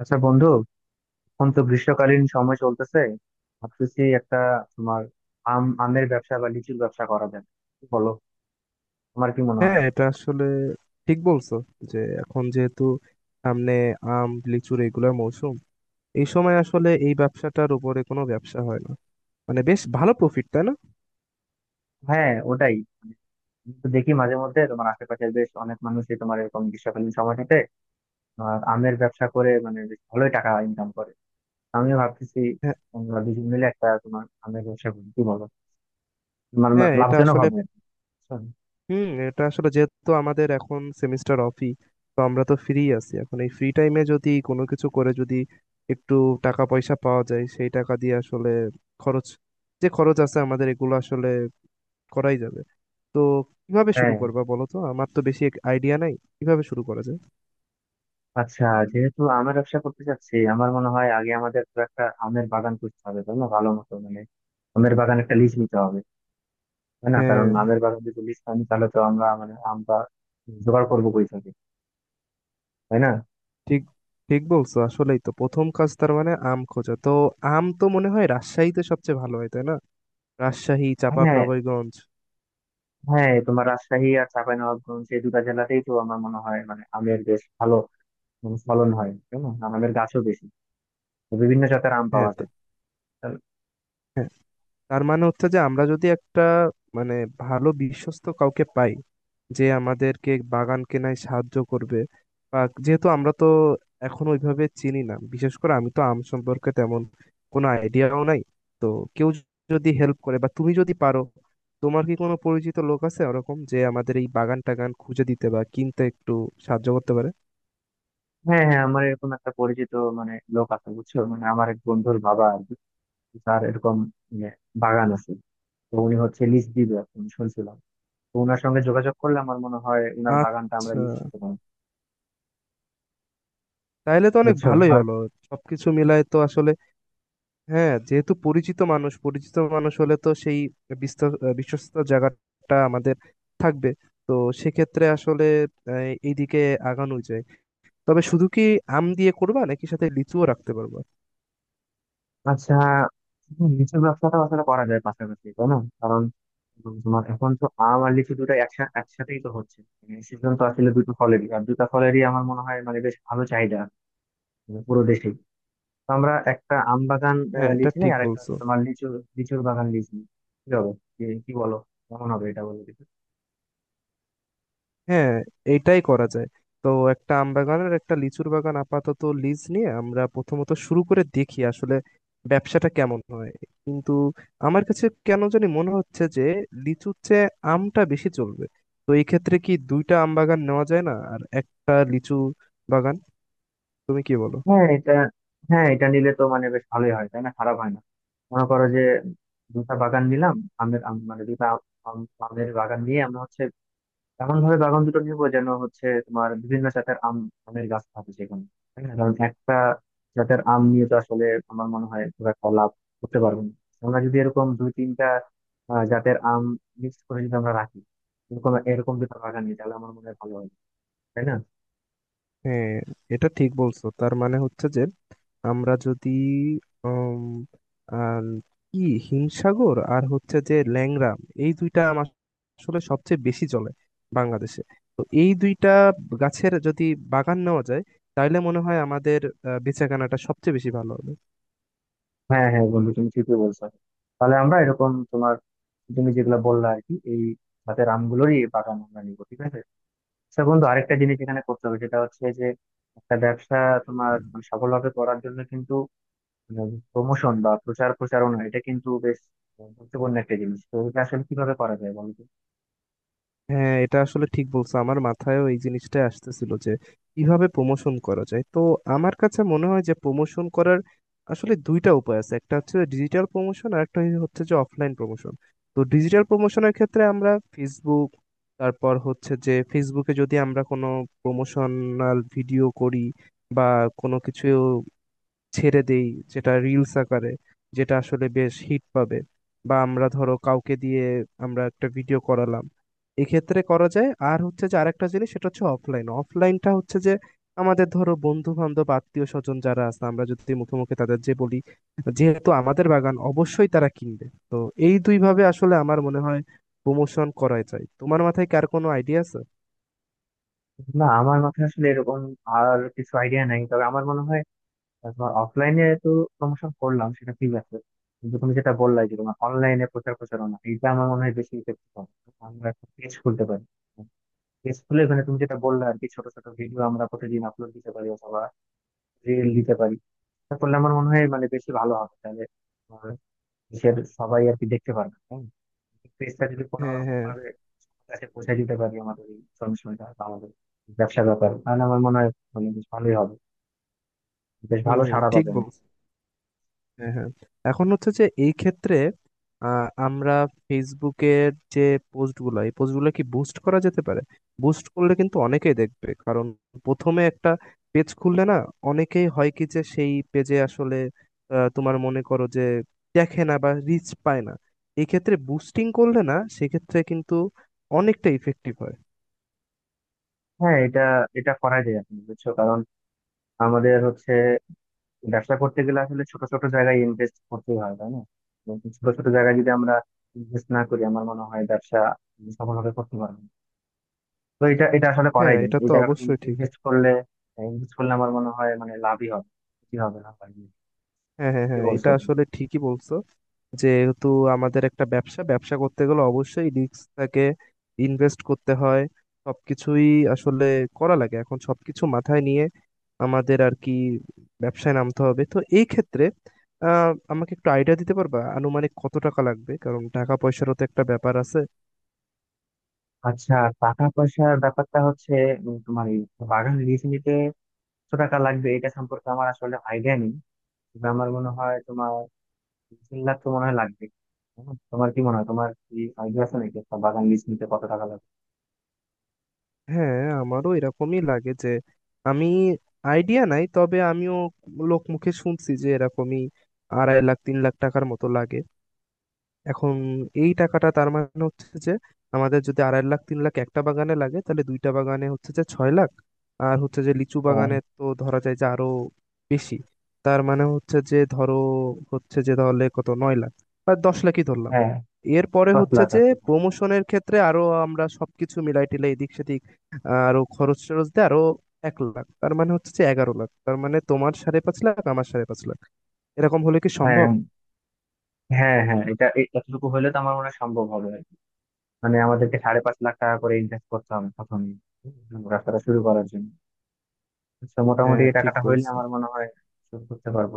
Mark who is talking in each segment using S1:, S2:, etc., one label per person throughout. S1: আচ্ছা বন্ধু, এখন তো গ্রীষ্মকালীন সময় চলতেছে। ভাবতেছি একটা তোমার আমের ব্যবসা বা লিচুর ব্যবসা করা যাবে, কি বলো? তোমার কি মনে হয়?
S2: হ্যাঁ, এটা আসলে ঠিক বলছো যে এখন যেহেতু সামনে আম লিচুর এগুলোর মৌসুম, এই সময় আসলে এই ব্যবসাটার উপরে কোনো ব্যবসা হয় না, মানে বেশ ভালো প্রফিট, তাই না?
S1: হ্যাঁ, ওটাই, মানে আমি তো দেখি মাঝে মধ্যে তোমার আশেপাশের বেশ অনেক মানুষই তোমার এরকম গ্রীষ্মকালীন সময়টাতে তোমার আমের ব্যবসা করে, মানে বেশ ভালোই টাকা ইনকাম করে। আমিও ভাবতেছি
S2: হ্যাঁ,
S1: আমরা দুজন মিলে একটা তোমার আমের ব্যবসা করি, কি বলো? তোমার
S2: হ্যাঁ, এটা
S1: লাভজনক
S2: আসলে
S1: হবে, বুঝছো?
S2: এটা আসলে, যেহেতু আমাদের এখন সেমিস্টার অফই, তো আমরা তো ফ্রি আছি। এখন এই ফ্রি টাইমে যদি কোনো কিছু করে যদি একটু টাকা পয়সা পাওয়া যায়, সেই টাকা দিয়ে আসলে খরচ, যে খরচ আছে আমাদের, এগুলো আসলে করাই যাবে। তো কিভাবে শুরু
S1: হ্যাঁ,
S2: করবা বলো তো? আমার তো বেশি আইডিয়া নাই কিভাবে শুরু করা যায়।
S1: আচ্ছা, যেহেতু আমের ব্যবসা করতে চাচ্ছি, আমার মনে হয় আগে আমাদের তো একটা আমের বাগান করতে হবে, তাই না? ভালো মতো, মানে আমের বাগান একটা লিজ নিতে হবে, তাই না? কারণ
S2: হ্যাঁ,
S1: আমের বাগান যদি লিজ না নিই তাহলে তো আমরা মানে আমটা জোগাড় করবো কই থেকে, তাই না?
S2: ঠিক ঠিক বলছো, আসলেই তো প্রথম কাজ তার মানে আম খোঁজা। তো আম তো মনে হয় রাজশাহীতে সবচেয়ে ভালো হয়, তাই না? রাজশাহী,
S1: হ্যাঁ
S2: চাঁপাবনগরগঞ্জ।
S1: হ্যাঁ, তোমার রাজশাহী আর চাঁপাইনবাবগঞ্জ এই দুটা জেলাতেই তো আমার মনে হয় মানে আমের বেশ ভালো মানে ফলন হয়, তাই না? আর আমের গাছও বেশি, তো বিভিন্ন জাতের আম
S2: হ্যাঁ
S1: পাওয়া
S2: তো-
S1: যায়। তাহলে-
S2: হ্যাঁ, তার মানে হচ্ছে যে আমরা যদি একটা মানে ভালো বিশ্বস্ত কাউকে পাই, যে আমাদেরকে বাগান কেনায় সাহায্য করবে, বা যেহেতু আমরা তো এখন ওইভাবে চিনি না, বিশেষ করে আমি তো আম সম্পর্কে তেমন কোনো আইডিয়াও নাই। তো কেউ যদি হেল্প করে, বা তুমি যদি পারো, তোমার কি কোনো পরিচিত লোক আছে ওরকম যে আমাদের এই বাগান টাগান খুঁজে দিতে বা কিনতে একটু সাহায্য করতে পারে?
S1: হ্যাঁ হ্যাঁ, আমার এরকম একটা পরিচিত মানে লোক আছে, বুঝছো, মানে আমার এক বন্ধুর বাবা আর কি, তার এরকম মানে বাগান আছে। তো উনি হচ্ছে লিজ দিবে এখন শুনছিলাম, তো উনার সঙ্গে যোগাযোগ করলে আমার মনে হয় উনার বাগানটা আমরা
S2: আচ্ছা,
S1: লিজ দিতে পারি,
S2: তাহলে তো অনেক
S1: বুঝছো।
S2: ভালোই
S1: আর
S2: হলো, সবকিছু মিলায় তো আসলে। হ্যাঁ, যেহেতু পরিচিত মানুষ, পরিচিত মানুষ হলে তো সেই বিশ্বস্ত জায়গাটা আমাদের থাকবে। তো সেক্ষেত্রে আসলে এইদিকে আগানো যায়। তবে শুধু কি আম দিয়ে করবা নাকি সাথে লিচুও রাখতে পারবা?
S1: আচ্ছা, লিচুর ব্যবসাটা আসলে করা যায় পাশাপাশি, তাই না? কারণ তোমার এখন তো আম আর লিচু দুটো একসাথে একসাথেই তো হচ্ছে সিজন তো আসলে দুটো ফলেরই, আর দুটো ফলেরই আমার মনে হয় মানে বেশ ভালো চাহিদা, মানে পুরো দেশেই। তো আমরা একটা আম বাগান
S2: হ্যাঁ,
S1: লিজ
S2: এটা
S1: নিই,
S2: ঠিক
S1: আর একটা
S2: বলছো।
S1: হচ্ছে তোমার লিচু, লিচুর বাগান লিজ নিই, কি হবে? কি কি বলো, কেমন হবে, এটা বলো।
S2: হ্যাঁ, এইটাই করা যায়। তো একটা আম বাগানের, একটা লিচুর বাগান আপাতত লিজ নিয়ে আমরা প্রথমত শুরু করে দেখি আসলে ব্যবসাটা কেমন হয়। কিন্তু আমার কাছে কেন জানি মনে হচ্ছে যে লিচুর চেয়ে আমটা বেশি চলবে। তো এই ক্ষেত্রে কি দুইটা আম বাগান নেওয়া যায় না আর একটা লিচু বাগান? তুমি কি বলো?
S1: হ্যাঁ এটা, হ্যাঁ এটা নিলে তো মানে বেশ ভালোই হয়, তাই না? খারাপ হয় না। মনে করো যে দুটা বাগান নিলাম, আমের আম মানে দুটা আমের বাগান নিয়ে আমরা হচ্ছে এমন ভাবে বাগান দুটো নিব যেন হচ্ছে তোমার বিভিন্ন জাতের আম, আমের গাছ থাকে সেখানে, তাই না? কারণ একটা জাতের আম নিয়ে তো আসলে আমার মনে হয় খুব একটা লাভ করতে পারবো না। আমরা যদি এরকম দুই তিনটা জাতের আম মিক্স করে যদি আমরা রাখি এরকম এরকম দুটো বাগান নিয়ে, তাহলে আমার মনে হয় ভালো হয়, তাই না?
S2: হ্যাঁ, এটা ঠিক বলছো, তার মানে হচ্ছে যে আমরা যদি উম, আর কি হিমসাগর আর হচ্ছে যে ল্যাংড়া, এই দুইটা আম আসলে সবচেয়ে বেশি চলে বাংলাদেশে। তো এই দুইটা গাছের যদি বাগান নেওয়া যায়, তাহলে মনে হয় আমাদের বেচাকেনাটা সবচেয়ে বেশি ভালো হবে।
S1: হ্যাঁ হ্যাঁ বন্ধু, তুমি ঠিকই বলছো। তাহলে আমরা এরকম তোমার, তুমি যেগুলো বললা আর কি এই হাতের আমগুলোরই বাগান আমরা নিবো, ঠিক আছে। আচ্ছা বন্ধু, আরেকটা জিনিস এখানে করতে হবে সেটা হচ্ছে যে একটা ব্যবসা তোমার মানে সফলভাবে করার জন্য কিন্তু প্রমোশন বা প্রচার প্রচারণা, এটা কিন্তু বেশ গুরুত্বপূর্ণ একটা জিনিস। তো এটা আসলে কিভাবে করা যায় বলতো?
S2: হ্যাঁ, এটা আসলে ঠিক বলছো, আমার মাথায়ও এই জিনিসটা আসতেছিল যে কিভাবে প্রমোশন করা যায়। তো আমার কাছে মনে হয় যে প্রমোশন করার আসলে দুইটা উপায় আছে। একটা হচ্ছে ডিজিটাল প্রমোশন আর একটা হচ্ছে যে অফলাইন প্রমোশন। তো ডিজিটাল প্রমোশনের ক্ষেত্রে আমরা ফেসবুক, তারপর হচ্ছে যে ফেসবুকে যদি আমরা কোনো প্রমোশনাল ভিডিও করি, বা কোনো কিছু ছেড়ে দেই যেটা রিলস আকারে, যেটা আসলে বেশ হিট পাবে, বা আমরা ধরো কাউকে দিয়ে আমরা একটা ভিডিও করালাম, এক্ষেত্রে করা যায়। আর হচ্ছে যে আরেকটা জিনিস, সেটা হচ্ছে অফলাইন। অফলাইনটা হচ্ছে যে আমাদের ধরো বন্ধু বান্ধব আত্মীয় স্বজন যারা আছে, আমরা যদি মুখে মুখে তাদের যে বলি, যেহেতু আমাদের বাগান, অবশ্যই তারা কিনবে। তো এই দুই ভাবে আসলে আমার মনে হয় প্রমোশন করাই যায়। তোমার মাথায় কার কোনো আইডিয়া আছে?
S1: না, আমার মাথায় আসলে এরকম আর কিছু আইডিয়া নাই, তবে আমার মনে হয় তোমার অফলাইনে তো প্রমোশন করলাম, সেটা ঠিক আছে, কিন্তু তুমি যেটা বললে যে তোমার অনলাইনে প্রচার প্রচারণা, এটা আমার মনে হয় বেশি ইফেক্টিভ হবে। আমরা একটা পেজ খুলতে পারি, পেজ খুলে ওখানে তুমি যেটা বললে আর কি ছোট ছোট ভিডিও আমরা প্রতিদিন আপলোড দিতে পারি, অথবা রিল দিতে পারি। এটা করলে আমার মনে হয় মানে বেশি ভালো হবে। তাহলে আহ, দেশের সবাই আর কি দেখতে পারবে, তাই না? পেজটা যদি কোনো
S2: হ্যাঁ,
S1: রকম
S2: হ্যাঁ।
S1: ভাবে সবার কাছে পৌঁছে দিতে পারি আমাদের এই ইনফরমেশনটা, আমাদের ব্যবসা ব্যাপার, তাহলে আমার মনে হয় মানে বেশ ভালোই হবে, বেশ ভালো
S2: হুম,
S1: সাড়া
S2: ঠিক
S1: পাবে।
S2: বল। হ্যাঁ, হ্যাঁ, এখন হচ্ছে যে এই ক্ষেত্রে আমরা ফেসবুকের যে পোস্টগুলো, এই পোস্টগুলো কি বুস্ট করা যেতে পারে? বুস্ট করলে কিন্তু অনেকেই দেখবে, কারণ প্রথমে একটা পেজ খুললে না, অনেকেই হয় কি যে সেই পেজে আসলে তোমার মনে করো যে দেখে না বা রিচ পায় না। এই ক্ষেত্রে বুস্টিং করলে না, সেক্ষেত্রে কিন্তু অনেকটা ইফেক্টিভ হয়।
S1: হ্যাঁ, এটা এটা করা যায় আপনি, বুঝছো, কারণ আমাদের হচ্ছে ব্যবসা করতে গেলে আসলে ছোট ছোট জায়গায় ইনভেস্ট করতে হয়, তাই না? এবং ছোট ছোট জায়গায় যদি আমরা ইনভেস্ট না করি, আমার মনে হয় ব্যবসা সফলভাবে করতে পারবো না। তো এটা এটা আসলে করাই
S2: হ্যাঁ,
S1: যায়,
S2: এটা
S1: এই
S2: তো
S1: জায়গাটা
S2: অবশ্যই ঠিক।
S1: ইনভেস্ট করলে, ইনভেস্ট করলে আমার মনে হয় মানে লাভই হবে, কি হবে না হবে।
S2: হ্যাঁ, হ্যাঁ,
S1: ঠিকই
S2: হ্যাঁ, এটা
S1: বলছো তুমি।
S2: আসলে ঠিকই বলছো। যেহেতু আমাদের একটা ব্যবসা, ব্যবসা করতে গেলে অবশ্যই রিস্ক থাকে, ইনভেস্ট করতে হয়, সবকিছুই আসলে করা লাগে। এখন সবকিছু মাথায় নিয়ে আমাদের আর কি ব্যবসায় নামতে হবে। তো এই ক্ষেত্রে আহ, আমাকে একটু আইডিয়া দিতে পারবা আনুমানিক কত টাকা লাগবে? কারণ টাকা পয়সারও তো একটা ব্যাপার আছে।
S1: আচ্ছা, টাকা পয়সার ব্যাপারটা হচ্ছে তোমার এই বাগান লিজ নিতে কত টাকা লাগবে এটা সম্পর্কে আমার আসলে আইডিয়া নেই, তবে আমার মনে হয় 3 লাখ তো মনে হয় লাগবে। তোমার কি মনে হয়, তোমার কি আইডিয়া আছে নাকি একটা বাগান লিজ নিতে কত টাকা লাগবে?
S2: হ্যাঁ, আমারও এরকমই লাগে যে আমি আইডিয়া নাই, তবে আমিও লোক মুখে শুনছি যে এরকমই 2.5 লাখ 3 লাখ টাকার মতো লাগে। এখন এই টাকাটা, তার মানে হচ্ছে যে আমাদের যদি 2.5 লাখ 3 লাখ একটা বাগানে লাগে, তাহলে দুইটা বাগানে হচ্ছে যে 6 লাখ, আর হচ্ছে যে লিচু
S1: হ্যাঁ
S2: বাগানে তো ধরা যায় যে আরো বেশি। তার মানে হচ্ছে যে ধরো হচ্ছে যে তাহলে কত, 9 লাখ বা 10 লাখই ধরলাম।
S1: হ্যাঁ,
S2: এরপরে
S1: দশ
S2: হচ্ছে
S1: লাখ আর
S2: যে
S1: কি।
S2: প্রমোশনের ক্ষেত্রে আরো, আমরা সবকিছু মিলাই টিলাই এদিক সেদিক আরো খরচ টরচ দিয়ে আরো 1 লাখ, তার মানে হচ্ছে যে 11 লাখ, তার মানে তোমার 5.5 লাখ আমার 5.5 লাখ। এরকম হলে কি
S1: হ্যাঁ
S2: সম্ভব?
S1: হ্যাঁ হ্যাঁ, এটা এতটুকু হইলে তো আমার মনে হয় সম্ভব হবে আর কি। মানে আমাদেরকে 5.5 লাখ টাকা করে ইনভেস্ট করতে হবে প্রথমে, রাস্তাটা শুরু করার জন্য। তো মোটামুটি
S2: হ্যাঁ,
S1: এই
S2: ঠিক
S1: টাকাটা হইলে
S2: বলছো।
S1: আমার মনে হয় শুরু করতে পারবো।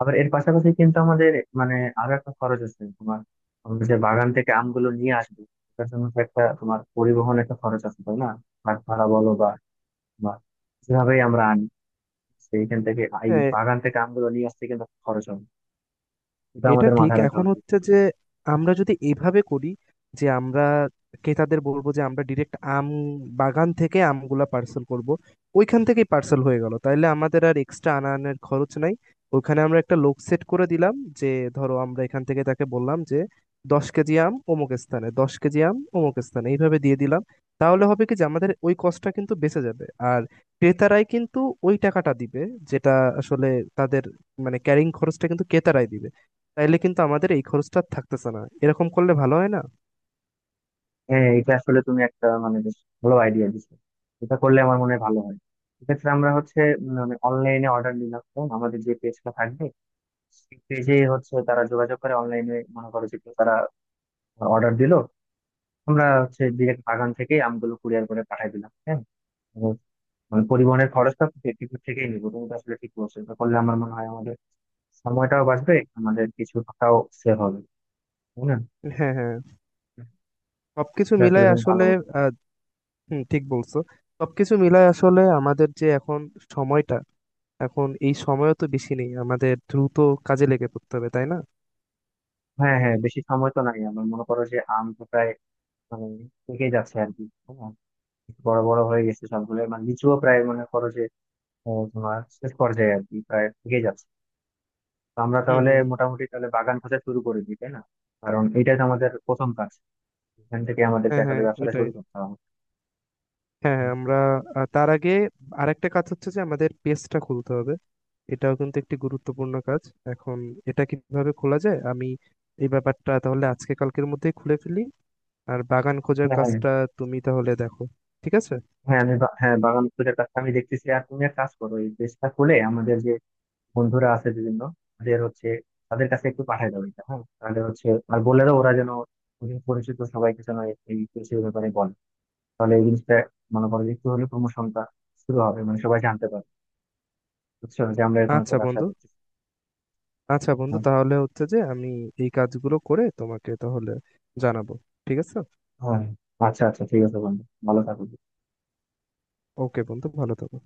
S1: আবার এর পাশাপাশি কিন্তু আমাদের মানে আরো একটা খরচ আছে, তোমার আমরা যে বাগান থেকে আমগুলো নিয়ে আসবো তার জন্য তো একটা তোমার পরিবহন একটা খরচ আছে, তাই না? বাস ভাড়া বলো, বা যেভাবেই আমরা আনি সেইখান থেকে, এই
S2: হ্যাঁ,
S1: বাগান থেকে আমগুলো নিয়ে আসতে কিন্তু একটা খরচ হবে, এটা
S2: এটা
S1: আমাদের
S2: ঠিক।
S1: মাথায় রাখা
S2: এখন
S1: উচিত।
S2: হচ্ছে যে আমরা যদি এইভাবে করি যে আমরা ক্রেতাদের বলবো যে আমরা ডিরেক্ট আম বাগান থেকে আমগুলা পার্সেল করব। ওইখান থেকেই পার্সেল হয়ে গেল, তাইলে আমাদের আর এক্সট্রা আনা আনার খরচ নাই। ওইখানে আমরা একটা লোক সেট করে দিলাম, যে ধরো আমরা এখান থেকে তাকে বললাম যে 10 কেজি আম অমুক স্থানে, 10 কেজি আম অমুক স্থানে, এইভাবে দিয়ে দিলাম। তাহলে হবে কি যে আমাদের ওই কষ্টটা কিন্তু বেঁচে যাবে, আর ক্রেতারাই কিন্তু ওই টাকাটা দিবে, যেটা আসলে তাদের মানে ক্যারিং খরচটা কিন্তু ক্রেতারাই দিবে। তাইলে কিন্তু আমাদের এই খরচটা আর থাকতেছে না। এরকম করলে ভালো হয় না?
S1: হ্যাঁ এটা আসলে তুমি একটা মানে বেশ ভালো আইডিয়া দিছো। এটা করলে আমার মনে হয় ভালো হয়। এক্ষেত্রে আমরা হচ্ছে মানে অনলাইনে অর্ডার নিলাম, তখন আমাদের যে পেজটা থাকবে সেই পেজে হচ্ছে তারা যোগাযোগ করে অনলাইনে মনে করো যে তারা অর্ডার দিলো, আমরা হচ্ছে ডিরেক্ট বাগান থেকে আমগুলো কুরিয়ার করে পাঠাই দিলাম, হ্যাঁ। তো মানে পরিবহনের খরচটা পেটিকুট থেকেই নিবো, তুমি তো আসলে ঠিক বলছো। এটা করলে আমার মনে হয় আমাদের সময়টাও বাঁচবে, আমাদের কিছু টাকাও সেভ হবে, তাই না?
S2: হ্যাঁ, হ্যাঁ, সবকিছু
S1: এটা আসলে
S2: মিলায়
S1: তুমি ভালো
S2: আসলে
S1: বলছো।
S2: আহ, হুম, ঠিক বলছো। সবকিছু মিলায় আসলে আমাদের যে এখন সময়টা, এখন এই সময়ও তো বেশি নেই, আমাদের দ্রুত কাজে লেগে পড়তে হবে, তাই না?
S1: হ্যাঁ হ্যাঁ, বেশি সময় তো নাই। আমার মনে করো যে আম তো প্রায় মানে পেকেই যাচ্ছে আর কি, তাই না? বড় বড় হয়ে গেছে সবগুলো, মানে লিচুও প্রায় মনে করো যে তোমার শেষ পর্যায়ে আর কি, প্রায় পেকে যাচ্ছে। তো আমরা
S2: হুম,
S1: তাহলে
S2: হুম, হুম।
S1: মোটামুটি তাহলে বাগান খোঁজা শুরু করে দিই, তাই না? কারণ এটাই তো আমাদের প্রথম কাজ, এখান থেকে আমাদেরকে
S2: হ্যাঁ,
S1: আসলে
S2: হ্যাঁ,
S1: ব্যবসাটা
S2: ওইটাই।
S1: শুরু করতে হবে।
S2: হ্যাঁ, হ্যাঁ, আমরা তার আগে আরেকটা কাজ হচ্ছে যে আমাদের পেজটা খুলতে হবে, এটাও কিন্তু একটি গুরুত্বপূর্ণ কাজ। এখন এটা কিভাবে খোলা যায় আমি, এই ব্যাপারটা তাহলে আজকে কালকের মধ্যেই খুলে ফেলি, আর বাগান খোঁজার
S1: হ্যাঁ হ্যাঁ,
S2: কাজটা তুমি তাহলে দেখো, ঠিক আছে?
S1: হ্যাঁ, আমি হ্যাঁ, বাগান খোঁজার কাজটা আমি দেখতেছি, আর তুমি এক কাজ করো, এই পেজটা খুলে আমাদের যে বন্ধুরা আছে বিভিন্ন, ওদের হচ্ছে তাদের কাছে একটু পাঠায় দাও এটা। হ্যাঁ তাহলে হচ্ছে, আর বলে দাও ওরা যেন ওদের পরিচিত সবাইকে যেন এই এই বিষয়ের ব্যাপারে বলে, তাহলে এই জিনিসটা মনে করো যে একটু হলে প্রমোশনটা শুরু হবে, মানে সবাই জানতে পারবে, বুঝছো, যে আমরা এরকম একটা
S2: আচ্ছা
S1: ব্যবসা
S2: বন্ধু,
S1: করছি।
S2: আচ্ছা বন্ধু,
S1: হ্যাঁ,
S2: তাহলে হচ্ছে যে আমি এই কাজগুলো করে তোমাকে তাহলে জানাবো, ঠিক আছে?
S1: হ্যাঁ আচ্ছা, আচ্ছা ঠিক আছে বন্ধু, ভালো থাকো।
S2: ওকে বন্ধু, ভালো থাকো।